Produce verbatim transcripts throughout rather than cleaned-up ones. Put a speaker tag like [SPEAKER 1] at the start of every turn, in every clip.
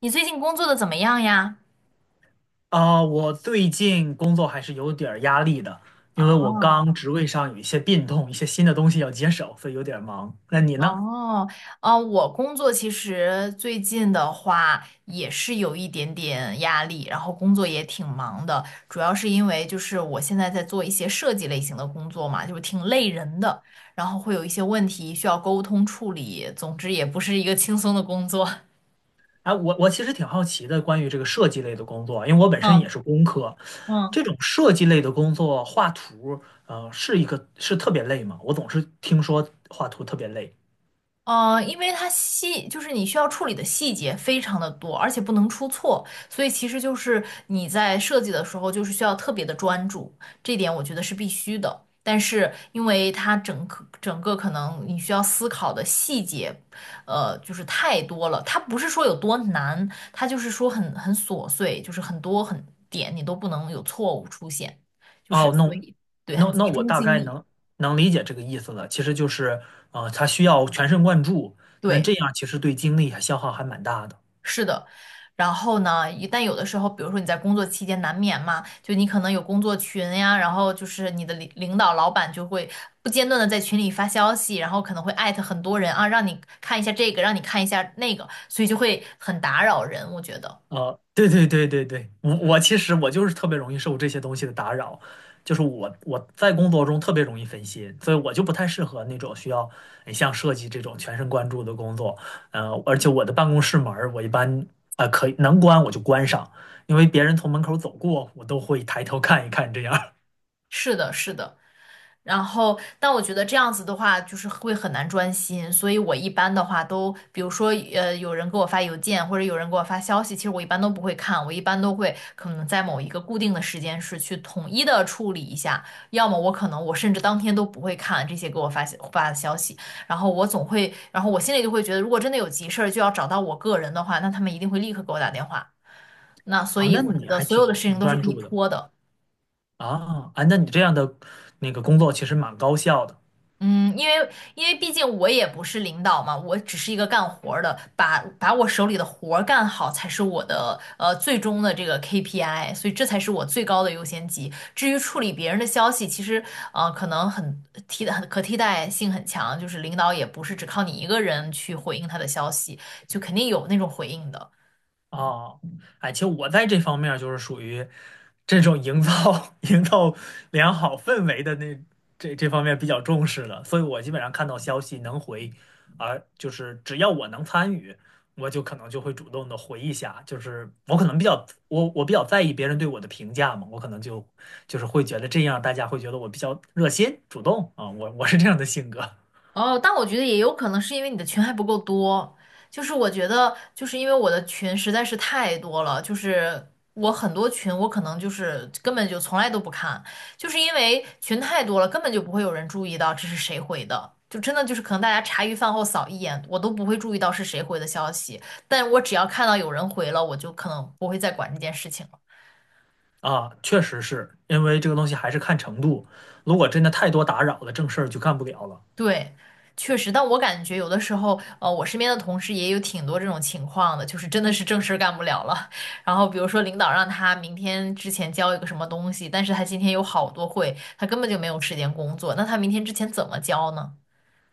[SPEAKER 1] 你最近工作的怎么样呀？
[SPEAKER 2] 啊，我最近工作还是有点儿压力的，因为我刚
[SPEAKER 1] 哦
[SPEAKER 2] 职位上有一些变动，一些新的东西要接手，所以有点儿忙。那你呢？
[SPEAKER 1] 哦哦，我工作其实最近的话也是有一点点压力，然后工作也挺忙的，主要是因为就是我现在在做一些设计类型的工作嘛，就是挺累人的，然后会有一些问题需要沟通处理，总之也不是一个轻松的工作。
[SPEAKER 2] 哎，我我其实挺好奇的，关于这个设计类的工作啊，因为我本身也
[SPEAKER 1] 嗯
[SPEAKER 2] 是工科，
[SPEAKER 1] 嗯。
[SPEAKER 2] 这种设计类的工作，画图，呃，是一个是特别累吗？我总是听说画图特别累。
[SPEAKER 1] 呃，因为它细，就是你需要处理的细节非常的多，而且不能出错，所以其实就是你在设计的时候，就是需要特别的专注，这点我觉得是必须的。但是因为它整个整个可能你需要思考的细节，呃，就是太多了。它不是说有多难，它就是说很很琐碎，就是很多很点你都不能有错误出现，就是
[SPEAKER 2] 哦，那
[SPEAKER 1] 所
[SPEAKER 2] 我
[SPEAKER 1] 以对，很
[SPEAKER 2] 那那
[SPEAKER 1] 集
[SPEAKER 2] 我
[SPEAKER 1] 中
[SPEAKER 2] 大
[SPEAKER 1] 精
[SPEAKER 2] 概
[SPEAKER 1] 力，
[SPEAKER 2] 能能理解这个意思了，其实就是，呃，它需要全神贯注，那
[SPEAKER 1] 对。
[SPEAKER 2] 这样其实对精力还消耗还蛮大的。
[SPEAKER 1] 是的，然后呢，一但有的时候，比如说你在工作期间难免嘛，就你可能有工作群呀，然后就是你的领领导、老板就会不间断的在群里发消息，然后可能会艾特很多人啊，让你看一下这个，让你看一下那个，所以就会很打扰人，我觉得。
[SPEAKER 2] 呃，对对对对对，我我其实我就是特别容易受这些东西的打扰，就是我我在工作中特别容易分心，所以我就不太适合那种需要哎像设计这种全神贯注的工作。呃，而且我的办公室门儿我一般呃可以能关我就关上，因为别人从门口走过，我都会抬头看一看这样儿
[SPEAKER 1] 是的，是的，然后，但我觉得这样子的话，就是会很难专心，所以我一般的话都，比如说，呃，有人给我发邮件或者有人给我发消息，其实我一般都不会看，我一般都会可能在某一个固定的时间是去统一的处理一下，要么我可能我甚至当天都不会看这些给我发消发的消息，然后我总会，然后我心里就会觉得，如果真的有急事儿就要找到我个人的话，那他们一定会立刻给我打电话，那 所
[SPEAKER 2] 啊，
[SPEAKER 1] 以
[SPEAKER 2] 那
[SPEAKER 1] 我觉
[SPEAKER 2] 你
[SPEAKER 1] 得
[SPEAKER 2] 还
[SPEAKER 1] 所
[SPEAKER 2] 挺
[SPEAKER 1] 有的事情
[SPEAKER 2] 挺
[SPEAKER 1] 都是
[SPEAKER 2] 专
[SPEAKER 1] 可以
[SPEAKER 2] 注的。
[SPEAKER 1] 拖的。
[SPEAKER 2] 啊。啊，那你这样的那个工作其实蛮高效的。
[SPEAKER 1] 嗯，因为因为毕竟我也不是领导嘛，我只是一个干活儿的，把把我手里的活儿干好才是我的呃最终的这个 K P I,所以这才是我最高的优先级。至于处理别人的消息，其实呃可能很替代很可替代性很强，就是领导也不是只靠你一个人去回应他的消息，就肯定有那种回应的。
[SPEAKER 2] 哦，哎，其实我在这方面儿就是属于这种营造 营造良好氛围的那这这方面比较重视的，所以我基本上看到消息能回，而就是只要我能参与，我就可能就会主动的回一下，就是我可能比较我我比较在意别人对我的评价嘛，我可能就就是会觉得这样大家会觉得我比较热心主动啊，我我是这样的性格
[SPEAKER 1] 哦，但我觉得也有可能是因为你的群还不够多，就是我觉得就是因为我的群实在是太多了，就是我很多群我可能就是根本就从来都不看，就是因为群太多了，根本就不会有人注意到这是谁回的，就真的就是可能大家茶余饭后扫一眼，我都不会注意到是谁回的消息，但我只要看到有人回了，我就可能不会再管这件事情。了。
[SPEAKER 2] 啊，确实是因为这个东西还是看程度，如果真的太多打扰了，正事儿就干不了了。
[SPEAKER 1] 对，确实，但我感觉有的时候，呃，我身边的同事也有挺多这种情况的，就是真的是正事儿干不了了。然后比如说领导让他明天之前交一个什么东西，但是他今天有好多会，他根本就没有时间工作，那他明天之前怎么交呢？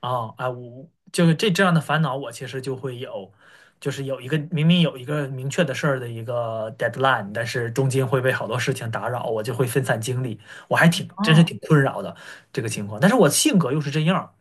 [SPEAKER 2] 啊啊，我就是这这样的烦恼，我其实就会有，就是有一个明明有一个明确的事儿的一个 deadline，但是中间会被好多事情打扰，我就会分散精力，我还挺真是
[SPEAKER 1] 哦。
[SPEAKER 2] 挺困扰的这个情况。但是我性格又是这样儿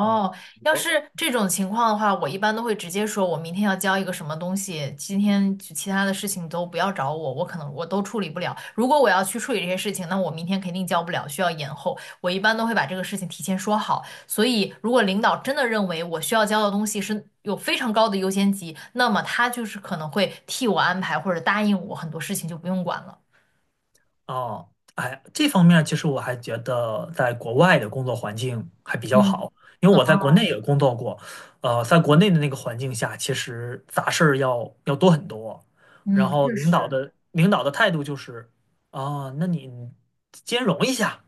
[SPEAKER 2] 啊，
[SPEAKER 1] 要
[SPEAKER 2] 我。
[SPEAKER 1] 是这种情况的话，我一般都会直接说，我明天要交一个什么东西，今天其其他的事情都不要找我，我可能我都处理不了。如果我要去处理这些事情，那我明天肯定交不了，需要延后。我一般都会把这个事情提前说好。所以，如果领导真的认为我需要交的东西是有非常高的优先级，那么他就是可能会替我安排或者答应我很多事情就不用管了。
[SPEAKER 2] 哦，哎，这方面其实我还觉得在国外的工作环境还比较
[SPEAKER 1] 嗯
[SPEAKER 2] 好，因为我在国内也工作过，呃，在国内的那个环境下，其实杂事儿要要多很多，然
[SPEAKER 1] 嗯，嗯，
[SPEAKER 2] 后
[SPEAKER 1] 确
[SPEAKER 2] 领导
[SPEAKER 1] 实。
[SPEAKER 2] 的领导的态度就是，啊，那你兼容一下，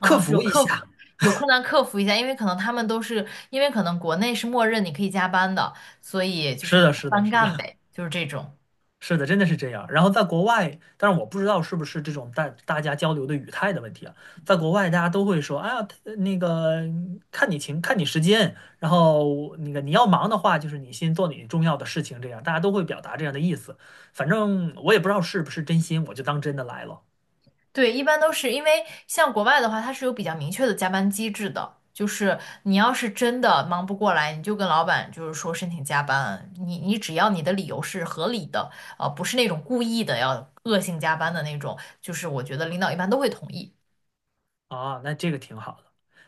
[SPEAKER 2] 克
[SPEAKER 1] 有
[SPEAKER 2] 服一
[SPEAKER 1] 克服
[SPEAKER 2] 下，
[SPEAKER 1] 有困难克服一下，因为可能他们都是，因为可能国内是默认你可以加班的，所以就是
[SPEAKER 2] 是
[SPEAKER 1] 你
[SPEAKER 2] 的，
[SPEAKER 1] 加
[SPEAKER 2] 是的，
[SPEAKER 1] 班
[SPEAKER 2] 是
[SPEAKER 1] 干
[SPEAKER 2] 的，
[SPEAKER 1] 呗，就是这种。
[SPEAKER 2] 是的，真的是这样。然后在国外，但是我不知道是不是这种大大家交流的语态的问题啊。在国外，大家都会说，哎呀，他那个看你情，看你时间，然后那个你要忙的话，就是你先做你重要的事情，这样大家都会表达这样的意思。反正我也不知道是不是真心，我就当真的来了
[SPEAKER 1] 对，一般都是因为像国外的话，它是有比较明确的加班机制的，就是你要是真的忙不过来，你就跟老板就是说申请加班，你你只要你的理由是合理的，呃，不是那种故意的要恶性加班的那种，就是我觉得领导一般都会同意。
[SPEAKER 2] 啊。那这个挺好的。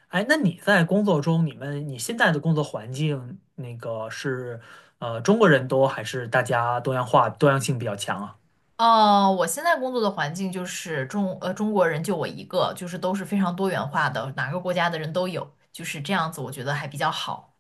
[SPEAKER 2] 哎，那你在工作中，你们你现在的工作环境，那个是呃中国人多还是大家多样化、多样性比较强啊？
[SPEAKER 1] 哦，我现在工作的环境就是中呃中国人就我一个，就是都是非常多元化的，哪个国家的人都有，就是这样子，我觉得还比较好。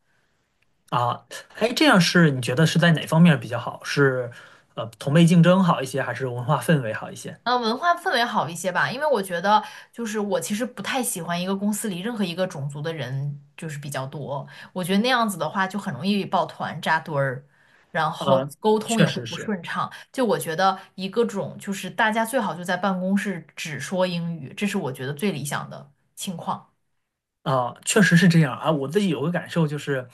[SPEAKER 2] 啊，哎，这样是你觉得是在哪方面比较好？是呃同辈竞争好一些，还是文化氛围好一些？
[SPEAKER 1] 呃，文化氛围好一些吧，因为我觉得就是我其实不太喜欢一个公司里任何一个种族的人就是比较多，我觉得那样子的话就很容易抱团扎堆儿，然后
[SPEAKER 2] 呃，
[SPEAKER 1] 沟通
[SPEAKER 2] 确
[SPEAKER 1] 也会
[SPEAKER 2] 实
[SPEAKER 1] 不
[SPEAKER 2] 是。
[SPEAKER 1] 顺畅。就我觉得一个种就是大家最好就在办公室只说英语，这是我觉得最理想的情况。
[SPEAKER 2] 啊，确实是这样啊。我自己有个感受就是，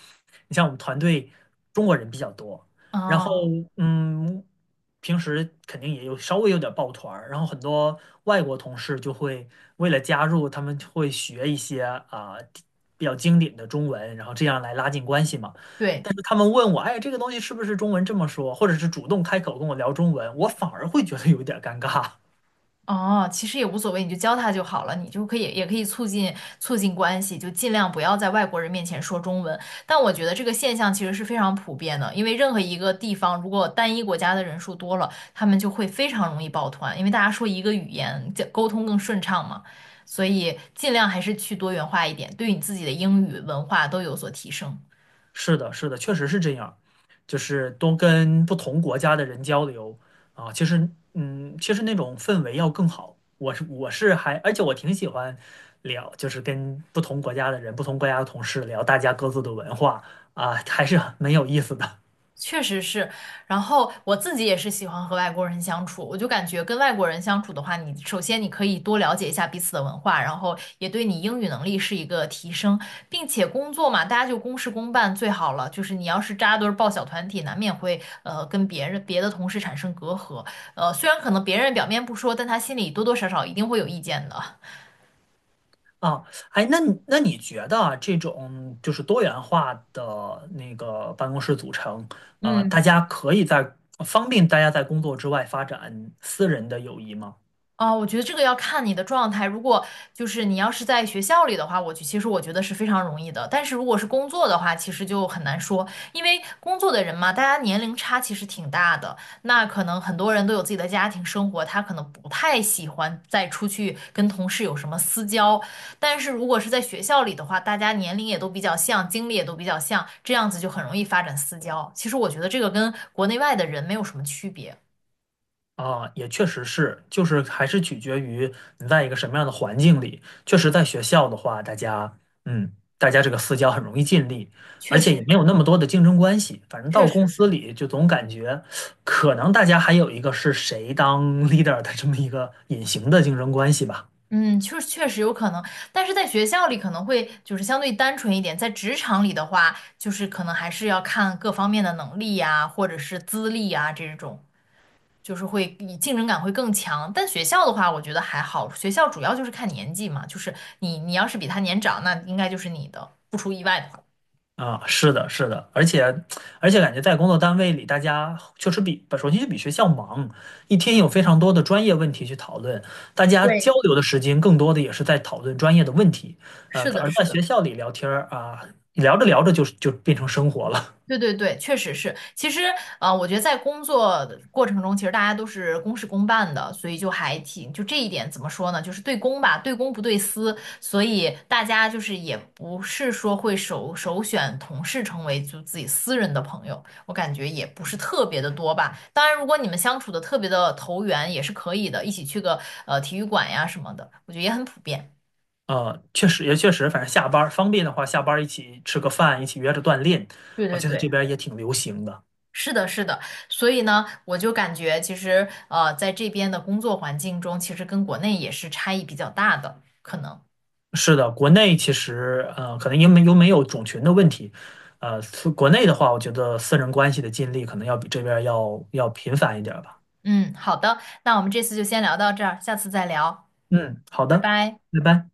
[SPEAKER 2] 你像我们团队中国人比较多，然后
[SPEAKER 1] 啊，
[SPEAKER 2] 嗯，平时肯定也有稍微有点抱团儿，然后很多外国同事就会为了加入，他们会学一些啊比较经典的中文，然后这样来拉近关系嘛。
[SPEAKER 1] 对。
[SPEAKER 2] 但是他们问我，哎，这个东西是不是中文这么说，或者是主动开口跟我聊中文，我反而会觉得有点尴尬。
[SPEAKER 1] 哦，其实也无所谓，你就教他就好了，你就可以也可以促进促进关系，就尽量不要在外国人面前说中文。但我觉得这个现象其实是非常普遍的，因为任何一个地方如果单一国家的人数多了，他们就会非常容易抱团，因为大家说一个语言，这沟通更顺畅嘛。所以尽量还是去多元化一点，对你自己的英语文化都有所提升。
[SPEAKER 2] 是的，是的，确实是这样，就是多跟不同国家的人交流啊，其实，嗯，其实那种氛围要更好。我是我是还，而且我挺喜欢聊，就是跟不同国家的人、不同国家的同事聊大家各自的文化啊，还是很有意思的
[SPEAKER 1] 确实是，然后我自己也是喜欢和外国人相处，我就感觉跟外国人相处的话，你首先你可以多了解一下彼此的文化，然后也对你英语能力是一个提升，并且工作嘛，大家就公事公办最好了。就是你要是扎堆儿抱小团体，难免会呃跟别人别的同事产生隔阂，呃，虽然可能别人表面不说，但他心里多多少少一定会有意见的。
[SPEAKER 2] 啊。哎，那你那你觉得啊这种就是多元化的那个办公室组成，啊，大
[SPEAKER 1] 嗯，
[SPEAKER 2] 家可以在方便大家在工作之外发展私人的友谊吗？
[SPEAKER 1] 啊，我觉得这个要看你的状态。如果就是你要是在学校里的话，我就其实我觉得是非常容易的。但是如果是工作的话，其实就很难说，因为工作的人嘛，大家年龄差其实挺大的。那可能很多人都有自己的家庭生活，他可能不太喜欢再出去跟同事有什么私交。但是如果是在学校里的话，大家年龄也都比较像，经历也都比较像，这样子就很容易发展私交。其实我觉得这个跟国内外的人没有什么区别，
[SPEAKER 2] 啊，也确实是，就是还是取决于你在一个什么样的环境里。确实，在学校的话，大家，嗯，大家这个私交很容易建立，而
[SPEAKER 1] 确
[SPEAKER 2] 且
[SPEAKER 1] 实
[SPEAKER 2] 也没有
[SPEAKER 1] 是，
[SPEAKER 2] 那么多的竞争关系。反正
[SPEAKER 1] 确
[SPEAKER 2] 到公
[SPEAKER 1] 实
[SPEAKER 2] 司
[SPEAKER 1] 是。
[SPEAKER 2] 里，就总感觉可能大家还有一个是谁当 leader 的这么一个隐形的竞争关系吧。
[SPEAKER 1] 嗯，确确实有可能，但是在学校里可能会就是相对单纯一点，在职场里的话，就是可能还是要看各方面的能力呀，或者是资历啊这种，就是会以竞争感会更强。但学校的话，我觉得还好，学校主要就是看年纪嘛，就是你你要是比他年长，那应该就是你的，不出意外的话。
[SPEAKER 2] 啊，是的，是的，而且而且感觉在工作单位里，大家确实比首先就比学校忙，一天有非常多的专业问题去讨论，大家交
[SPEAKER 1] 对，
[SPEAKER 2] 流的时间更多的也是在讨论专业的问题，呃，
[SPEAKER 1] 是
[SPEAKER 2] 在
[SPEAKER 1] 的，
[SPEAKER 2] 而在
[SPEAKER 1] 是的。
[SPEAKER 2] 学校里聊天儿啊，聊着聊着就就变成生活了，
[SPEAKER 1] 对对对，确实是。其实，呃，我觉得在工作的过程中，其实大家都是公事公办的，所以就还挺，就这一点怎么说呢？就是对公吧，对公不对私，所以大家就是也不是说会首首选同事成为就自己私人的朋友，我感觉也不是特别的多吧。当然，如果你们相处的特别的投缘，也是可以的，一起去个呃体育馆呀什么的，我觉得也很普遍。
[SPEAKER 2] 呃，确实也确实，反正下班儿方便的话，下班儿一起吃个饭，一起约着锻炼，
[SPEAKER 1] 对
[SPEAKER 2] 我
[SPEAKER 1] 对
[SPEAKER 2] 觉得这
[SPEAKER 1] 对。
[SPEAKER 2] 边儿也挺流行的。
[SPEAKER 1] 是的，是的，所以呢，我就感觉其实呃，在这边的工作环境中，其实跟国内也是差异比较大的，可能。
[SPEAKER 2] 是的，国内其实呃，可能因为又没有种群的问题，呃，是国内的话，我觉得私人关系的建立可能要比这边儿要要频繁一点儿吧。
[SPEAKER 1] 嗯，好的，那我们这次就先聊到这儿，下次再聊，
[SPEAKER 2] 嗯，好
[SPEAKER 1] 拜
[SPEAKER 2] 的，
[SPEAKER 1] 拜。
[SPEAKER 2] 拜拜。